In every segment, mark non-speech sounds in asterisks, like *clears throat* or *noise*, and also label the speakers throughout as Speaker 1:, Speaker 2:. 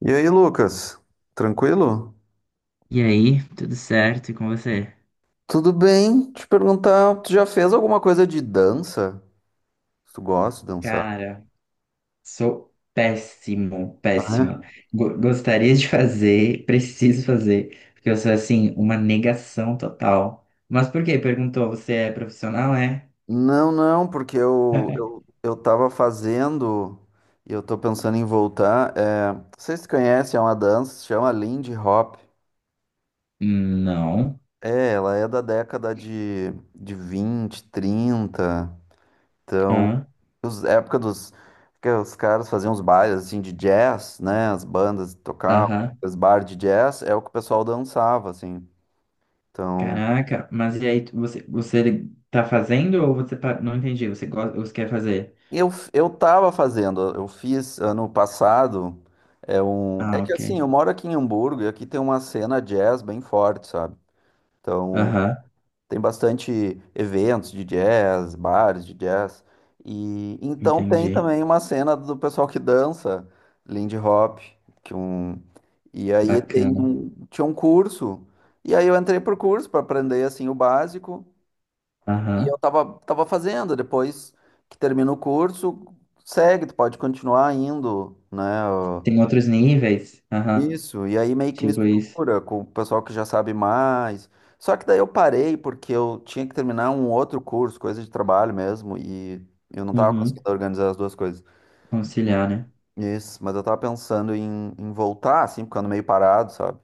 Speaker 1: E aí, Lucas? Tranquilo?
Speaker 2: E aí, tudo certo? E com você?
Speaker 1: Tudo bem? Te perguntar, tu já fez alguma coisa de dança? Tu gosta de dançar?
Speaker 2: Cara, sou péssimo,
Speaker 1: Ah,
Speaker 2: péssimo.
Speaker 1: é?
Speaker 2: Gostaria de fazer, preciso fazer, porque eu sou assim, uma negação total. Mas por quê? Perguntou, você é profissional, é?
Speaker 1: Não, não, porque eu,
Speaker 2: *laughs*
Speaker 1: eu, eu tava fazendo e eu tô pensando em voltar. É, não sei se tu conhece, é uma dança, se chama Lindy Hop.
Speaker 2: Não.
Speaker 1: É, ela é da década de 20, trinta. Então,
Speaker 2: Ah.
Speaker 1: os, a época dos que os caras faziam os bailes assim de jazz, né? As bandas tocavam,
Speaker 2: Aham.
Speaker 1: os bar de jazz é o que o pessoal dançava assim. Então,
Speaker 2: Caraca, mas e aí, você tá fazendo ou não entendi, você gosta, você quer fazer?
Speaker 1: eu tava fazendo, eu fiz ano passado, é um é
Speaker 2: Ah,
Speaker 1: que
Speaker 2: ok.
Speaker 1: assim, eu moro aqui em Hamburgo e aqui tem uma cena jazz bem forte, sabe? Então,
Speaker 2: Aham,
Speaker 1: tem bastante eventos de jazz, bares de jazz, e então tem
Speaker 2: entendi.
Speaker 1: também uma cena do pessoal que dança Lindy Hop, que um. E aí tem
Speaker 2: Bacana.
Speaker 1: um, tinha um curso, e aí eu entrei por curso para aprender assim o básico, e
Speaker 2: Aham.
Speaker 1: eu tava, fazendo, depois que termina o curso, segue, tu pode continuar indo, né? Ó,
Speaker 2: Tem outros níveis? Aham,
Speaker 1: isso, e aí meio que
Speaker 2: tipo isso.
Speaker 1: mistura com o pessoal que já sabe mais. Só que daí eu parei porque eu tinha que terminar um outro curso, coisa de trabalho mesmo, e eu não tava
Speaker 2: Uhum.
Speaker 1: conseguindo organizar as duas coisas.
Speaker 2: Conciliar, né?
Speaker 1: Isso, mas eu tava pensando em, em voltar, assim, ficando meio parado, sabe?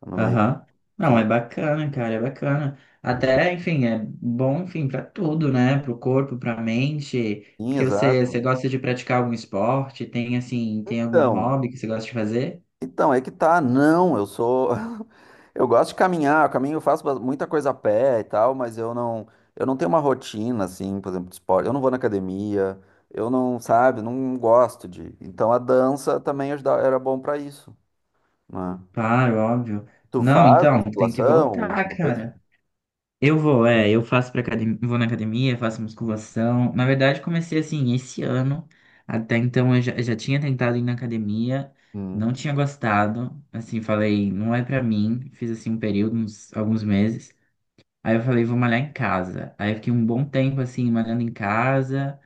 Speaker 1: Ficando meio
Speaker 2: Aham. Não, é
Speaker 1: sem.
Speaker 2: bacana, cara, é bacana. Até, enfim, é bom, enfim, pra tudo, né? Pro corpo, pra mente.
Speaker 1: Sim,
Speaker 2: Porque você,
Speaker 1: exato.
Speaker 2: você gosta de praticar algum esporte? Tem, assim, tem algum
Speaker 1: Então,
Speaker 2: hobby que você gosta de fazer?
Speaker 1: então, é que tá. Não, eu sou. *laughs* Eu gosto de caminhar, eu caminho, eu faço ba- muita coisa a pé e tal, mas eu não tenho uma rotina, assim, por exemplo, de esporte. Eu não vou na academia, eu não, sabe, não gosto de. Então a dança também ajuda- era bom pra isso, né?
Speaker 2: Claro, óbvio.
Speaker 1: Tu
Speaker 2: Não,
Speaker 1: faz
Speaker 2: então, tem que
Speaker 1: musculação,
Speaker 2: voltar,
Speaker 1: alguma coisa?
Speaker 2: cara. Eu vou, é, eu faço pra academia, vou na academia, faço musculação. Na verdade, comecei assim esse ano. Até então eu já tinha tentado ir na academia,
Speaker 1: Hum.
Speaker 2: não tinha gostado. Assim, falei, não é pra mim. Fiz assim um período, alguns meses. Aí eu falei, vou malhar em casa. Aí eu fiquei um bom tempo assim, malhando em casa.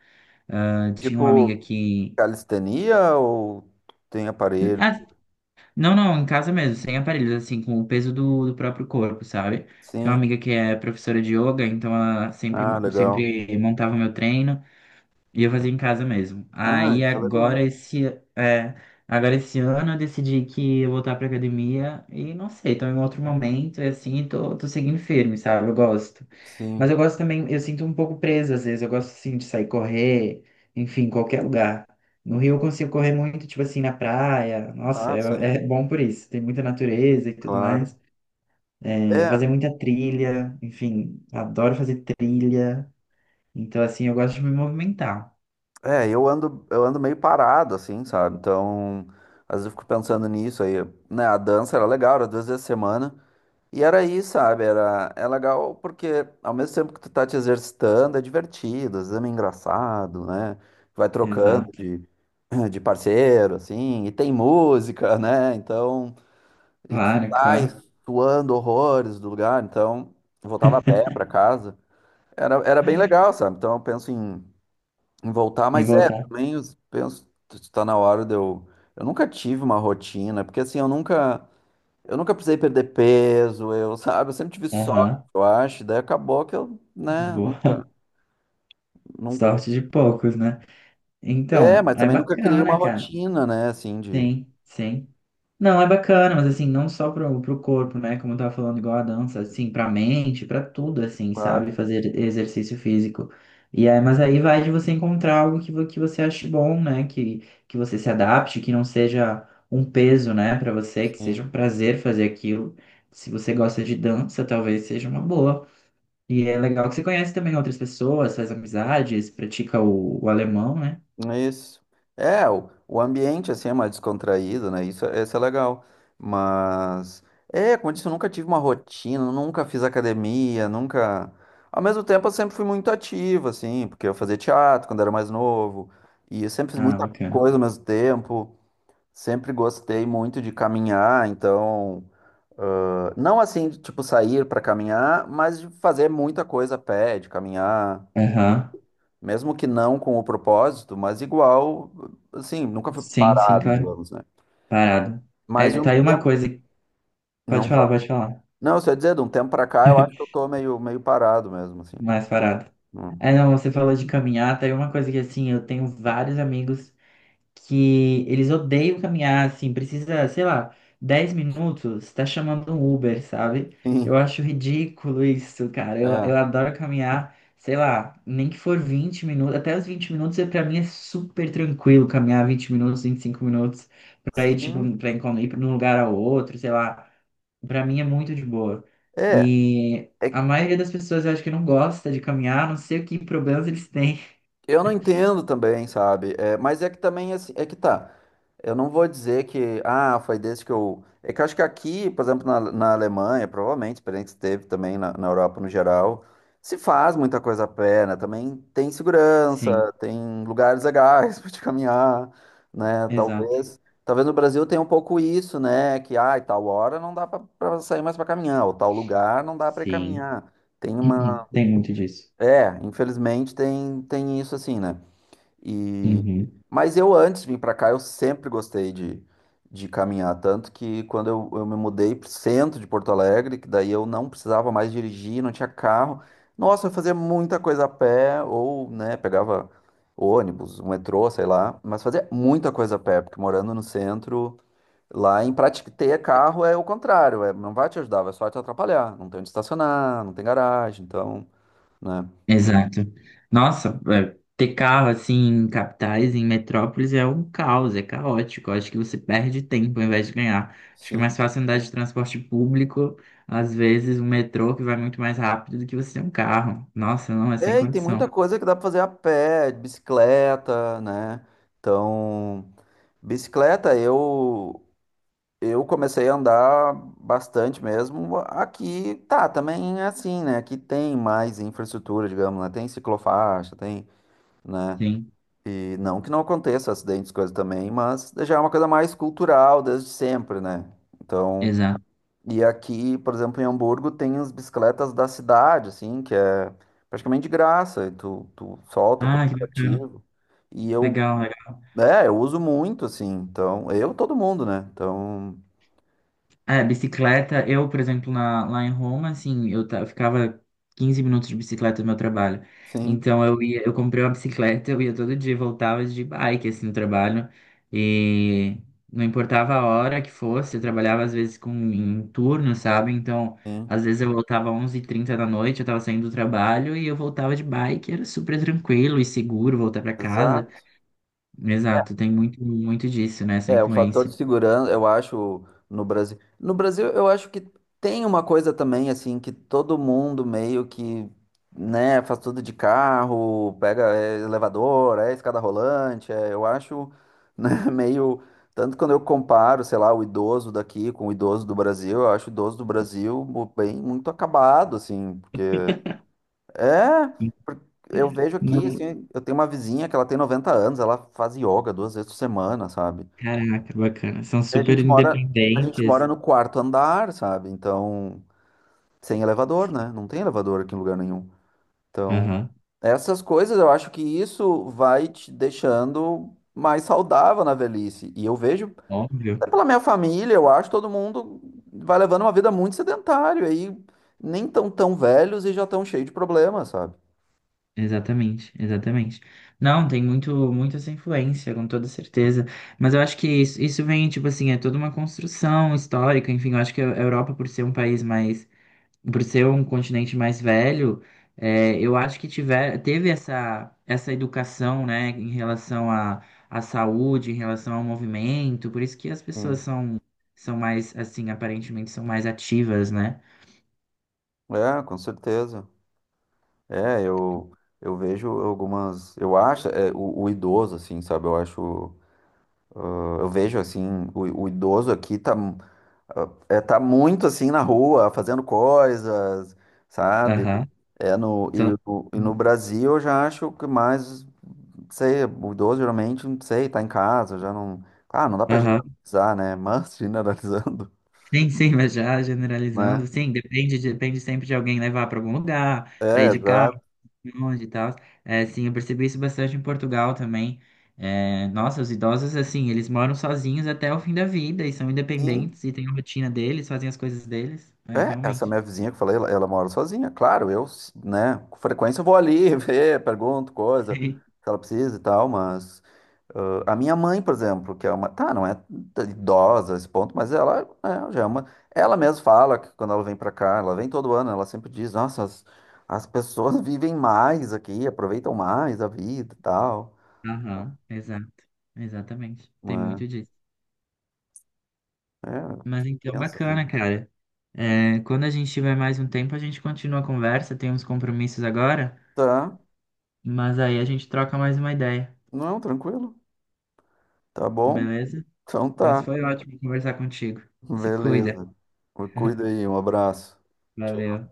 Speaker 2: Ah, tinha uma amiga
Speaker 1: Tipo
Speaker 2: que.
Speaker 1: calistenia ou tem aparelho?
Speaker 2: ah, Não, não, em casa mesmo, sem aparelhos, assim, com o peso do próprio corpo, sabe? Tinha uma
Speaker 1: Sim.
Speaker 2: amiga que é professora de yoga, então ela sempre,
Speaker 1: Ah,
Speaker 2: mo-
Speaker 1: legal.
Speaker 2: sempre montava o meu treino. E eu fazia em casa mesmo.
Speaker 1: Ah,
Speaker 2: Aí
Speaker 1: isso é legal.
Speaker 2: é, agora esse ano eu decidi que ia voltar pra academia e não sei, tô em outro momento e assim, tô seguindo firme, sabe? Eu gosto. Mas
Speaker 1: Sim.
Speaker 2: eu gosto também, eu sinto um pouco preso às vezes, eu gosto assim de sair correr, enfim, em qualquer lugar. No Rio eu consigo correr muito, tipo assim, na praia. Nossa,
Speaker 1: Ah,
Speaker 2: é,
Speaker 1: sim,
Speaker 2: é bom por isso. Tem muita natureza e tudo
Speaker 1: claro.
Speaker 2: mais. É,
Speaker 1: É,
Speaker 2: fazer muita trilha, enfim, adoro fazer trilha. Então, assim, eu gosto de me movimentar.
Speaker 1: é, eu ando meio parado, assim, sabe? Então, às vezes eu fico pensando nisso aí, né? A dança era legal, era duas vezes a semana. E era isso, sabe? Era, é legal porque ao mesmo tempo que tu tá te exercitando, é divertido, às vezes é meio engraçado, né? Vai trocando de, *clears throat* de parceiro, assim, e tem música, né? Então, e tu
Speaker 2: Claro,
Speaker 1: sai
Speaker 2: claro.
Speaker 1: suando horrores do lugar, então, eu voltava a pé
Speaker 2: *laughs*
Speaker 1: pra casa. Era, era bem legal, sabe? Então, eu penso em voltar,
Speaker 2: E
Speaker 1: mas é,
Speaker 2: voltar.
Speaker 1: também eu penso, está na hora de eu. Eu nunca tive uma rotina, porque assim, eu nunca precisei perder peso, eu, sabe, eu sempre tive sorte,
Speaker 2: Aham.
Speaker 1: eu acho, daí acabou que eu, né,
Speaker 2: Boa.
Speaker 1: nunca, nunca.
Speaker 2: Sorte de poucos, né?
Speaker 1: É,
Speaker 2: Então,
Speaker 1: mas
Speaker 2: é
Speaker 1: também nunca criei uma
Speaker 2: bacana, cara.
Speaker 1: rotina, né, assim, de.
Speaker 2: Sim, sim. Não, é bacana, mas assim, não só pro corpo, né? Como eu tava falando, igual a dança, assim, pra mente, pra tudo, assim, sabe?
Speaker 1: Claro,
Speaker 2: Fazer exercício físico. E aí, mas aí vai de você encontrar algo que, que você ache bom, né? Que você se adapte, que não seja um peso, né, pra você, que
Speaker 1: sim.
Speaker 2: seja um prazer fazer aquilo. Se você gosta de dança, talvez seja uma boa. E é legal que você conhece também outras pessoas, faz amizades, pratica o alemão, né?
Speaker 1: Isso. É, o ambiente assim é mais descontraído, né? Isso é legal. Mas é, como eu disse, eu nunca tive uma rotina, nunca fiz academia, nunca. Ao mesmo tempo, eu sempre fui muito ativo, assim, porque eu fazia teatro quando era mais novo, e eu sempre fiz
Speaker 2: Ah,
Speaker 1: muita
Speaker 2: bacana.
Speaker 1: coisa ao mesmo tempo. Sempre gostei muito de caminhar, então, ah, não assim, de, tipo, sair para caminhar, mas de fazer muita coisa a pé, de caminhar.
Speaker 2: Aham.
Speaker 1: Mesmo que não com o propósito, mas igual, assim, nunca fui
Speaker 2: Sim, sim,
Speaker 1: parado,
Speaker 2: claro.
Speaker 1: digamos, né?
Speaker 2: Parado.
Speaker 1: Mas
Speaker 2: É,
Speaker 1: de
Speaker 2: tá
Speaker 1: um
Speaker 2: aí uma
Speaker 1: tempo.
Speaker 2: coisa.
Speaker 1: Não,
Speaker 2: Pode falar,
Speaker 1: fala.
Speaker 2: pode falar.
Speaker 1: Não, você ia dizer, de um tempo pra cá, eu acho que eu tô meio, meio parado mesmo, assim.
Speaker 2: Mais parado.
Speaker 1: Hum.
Speaker 2: É, não, você falou de caminhar, tá aí uma coisa que assim, eu tenho vários amigos, que eles odeiam caminhar, assim, precisa, sei lá, 10 minutos, tá chamando um Uber, sabe? Eu
Speaker 1: Sim,
Speaker 2: acho ridículo isso, cara. Eu
Speaker 1: é.
Speaker 2: adoro caminhar, sei lá, nem que for 20 minutos, até os 20 minutos é, pra mim é super tranquilo caminhar 20 minutos, 25 minutos, pra ir, tipo,
Speaker 1: Sim,
Speaker 2: ir de um lugar ao outro, sei lá. Pra mim é muito de boa.
Speaker 1: é.
Speaker 2: E a
Speaker 1: É,
Speaker 2: maioria das pessoas eu acho que não gosta de caminhar, não sei o que problemas eles têm.
Speaker 1: eu não entendo também, sabe? É, mas é que também, assim, é que tá. Eu não vou dizer que, ah, foi desse que eu. É que eu acho que aqui, por exemplo, na Alemanha, provavelmente, experiência que teve também na Europa no geral, se faz muita coisa a pé, né? Também tem
Speaker 2: Sim,
Speaker 1: segurança, tem lugares legais *laughs* para te caminhar, né?
Speaker 2: exato.
Speaker 1: Talvez. Talvez no Brasil tenha um pouco isso, né? Que, ah, tal hora não dá para sair mais para caminhar, ou tal lugar não dá para ir
Speaker 2: Sim.
Speaker 1: caminhar. Tem
Speaker 2: Uhum.
Speaker 1: uma.
Speaker 2: Tem muito disso.
Speaker 1: É, infelizmente tem, tem isso assim, né? E...
Speaker 2: Uhum.
Speaker 1: Mas eu antes de vir para cá, eu sempre gostei de caminhar, tanto que quando eu me mudei para o centro de Porto Alegre, que daí eu não precisava mais dirigir, não tinha carro, nossa, eu fazia muita coisa a pé, ou, né, pegava ônibus, um metrô, sei lá, mas fazia muita coisa a pé, porque morando no centro, lá em prática ter carro é o contrário, é, não vai te ajudar, vai só te atrapalhar, não tem onde estacionar, não tem garagem, então, né.
Speaker 2: Exato. Nossa, é, ter carro assim em capitais, em metrópoles é um caos, é caótico. Eu acho que você perde tempo ao invés de ganhar. Acho que é mais
Speaker 1: Sim,
Speaker 2: fácil andar de transporte público, às vezes um metrô que vai muito mais rápido do que você ter um carro. Nossa, não, é sem
Speaker 1: é, e tem
Speaker 2: condição.
Speaker 1: muita coisa que dá pra fazer a pé, de bicicleta, né? Então, bicicleta eu, comecei a andar bastante mesmo. Aqui tá, também é assim, né? Aqui tem mais infraestrutura, digamos, né? Tem ciclofaixa, tem, né?
Speaker 2: Sim,
Speaker 1: E não que não aconteça acidentes, coisa também, mas já é uma coisa mais cultural desde sempre, né? Então,
Speaker 2: exato.
Speaker 1: e aqui, por exemplo, em Hamburgo tem as bicicletas da cidade, assim, que é praticamente de graça. E tu solta com o
Speaker 2: Ah, que bacana.
Speaker 1: aplicativo. E eu,
Speaker 2: Legal, legal.
Speaker 1: é, eu uso muito, assim. Então, eu, todo mundo, né? Então,
Speaker 2: É, bicicleta, eu, por exemplo, lá em Roma, assim, eu ficava 15 minutos de bicicleta no meu trabalho.
Speaker 1: sim,
Speaker 2: Então eu ia, eu comprei uma bicicleta, eu ia todo dia, voltava de bike, assim, no trabalho. E não importava a hora que fosse, eu trabalhava às vezes em turno, sabe? Então,
Speaker 1: sim,
Speaker 2: às vezes eu voltava 11h30 da noite, eu tava saindo do trabalho e eu voltava de bike, era super tranquilo e seguro voltar pra casa.
Speaker 1: exato.
Speaker 2: Exato, tem muito, muito disso, né, essa
Speaker 1: É, o fator
Speaker 2: influência.
Speaker 1: de segurança, eu acho, no Brasil. No Brasil, eu acho que tem uma coisa também, assim, que todo mundo meio que, né, faz tudo de carro, pega é, elevador, é escada rolante. É, eu acho, né, *laughs* meio. Tanto quando eu comparo, sei lá, o idoso daqui com o idoso do Brasil, eu acho o idoso do Brasil mu- bem muito acabado, assim, porque. É. Por- eu vejo aqui,
Speaker 2: Não,
Speaker 1: assim, eu tenho uma vizinha que ela tem 90 anos, ela faz yoga duas vezes por semana, sabe?
Speaker 2: caraca, bacana. São
Speaker 1: E
Speaker 2: super
Speaker 1: a gente mora
Speaker 2: independentes.
Speaker 1: no quarto andar, sabe? Então, sem elevador, né? Não tem elevador aqui em lugar nenhum. Então,
Speaker 2: Aham,
Speaker 1: essas coisas, eu acho que isso vai te deixando mais saudável na velhice. E eu vejo,
Speaker 2: óbvio.
Speaker 1: até pela minha família, eu acho todo mundo vai levando uma vida muito sedentária aí, nem tão tão velhos e já tão cheio de problemas, sabe?
Speaker 2: Exatamente, exatamente. Não, tem muito, muito essa influência, com toda certeza. Mas eu acho que isso vem, tipo assim, é toda uma construção histórica. Enfim, eu acho que a Europa, por ser um continente mais velho, é, eu acho que teve essa, educação, né, em relação à saúde, em relação ao movimento, por isso que as pessoas
Speaker 1: Sim.
Speaker 2: são mais, assim, aparentemente são mais ativas, né?
Speaker 1: É, com certeza. É, eu vejo algumas, eu acho, é, o idoso assim, sabe? Eu acho. Eu vejo assim, o idoso aqui tá, é, tá muito assim na rua, fazendo coisas, sabe?
Speaker 2: Aham.
Speaker 1: É no, e,
Speaker 2: Então,
Speaker 1: o- e no Brasil eu já acho que mais, não sei, o idoso geralmente, não sei, tá em casa, já não. Claro, não dá pra
Speaker 2: aham.
Speaker 1: generalizar, né? Mas *laughs* generalizando,
Speaker 2: Sim, sim, mas já generalizando,
Speaker 1: né?
Speaker 2: sim, depende sempre de alguém levar para algum lugar, para ir
Speaker 1: É,
Speaker 2: de carro,
Speaker 1: exato.
Speaker 2: longe e tal. É, sim, eu percebi isso bastante em Portugal também. É, nossa, os idosos, assim, eles moram sozinhos até o fim da vida e são
Speaker 1: Sim.
Speaker 2: independentes e têm a rotina deles, fazem as coisas deles. É,
Speaker 1: É, essa
Speaker 2: realmente.
Speaker 1: minha vizinha que eu falei, ela mora sozinha. Claro, eu, né, com frequência eu vou ali *laughs* ver, pergunto
Speaker 2: *laughs*
Speaker 1: coisa,
Speaker 2: Sim.
Speaker 1: se ela precisa e tal, mas. Ah, a minha mãe, por exemplo, que é uma. Tá, não é t- idosa a esse ponto, mas ela é, já é uma. Ela mesma fala que quando ela vem pra cá, ela vem todo ano, ela sempre diz: Nossa, as pessoas *laughs* vivem mais aqui, aproveitam mais a vida e tal.
Speaker 2: Aham, exato. Exatamente. Tem
Speaker 1: Né?
Speaker 2: muito disso.
Speaker 1: É,
Speaker 2: Mas então,
Speaker 1: pensas, né?
Speaker 2: bacana, cara. É, quando a gente tiver mais um tempo, a gente continua a conversa. Tem uns compromissos agora,
Speaker 1: Tá,
Speaker 2: mas aí a gente troca mais uma ideia,
Speaker 1: não, tranquilo. Tá bom?
Speaker 2: beleza?
Speaker 1: Então
Speaker 2: Mas
Speaker 1: tá.
Speaker 2: foi ótimo conversar contigo. Se cuida.
Speaker 1: Beleza. Cuida aí, um abraço.
Speaker 2: Valeu.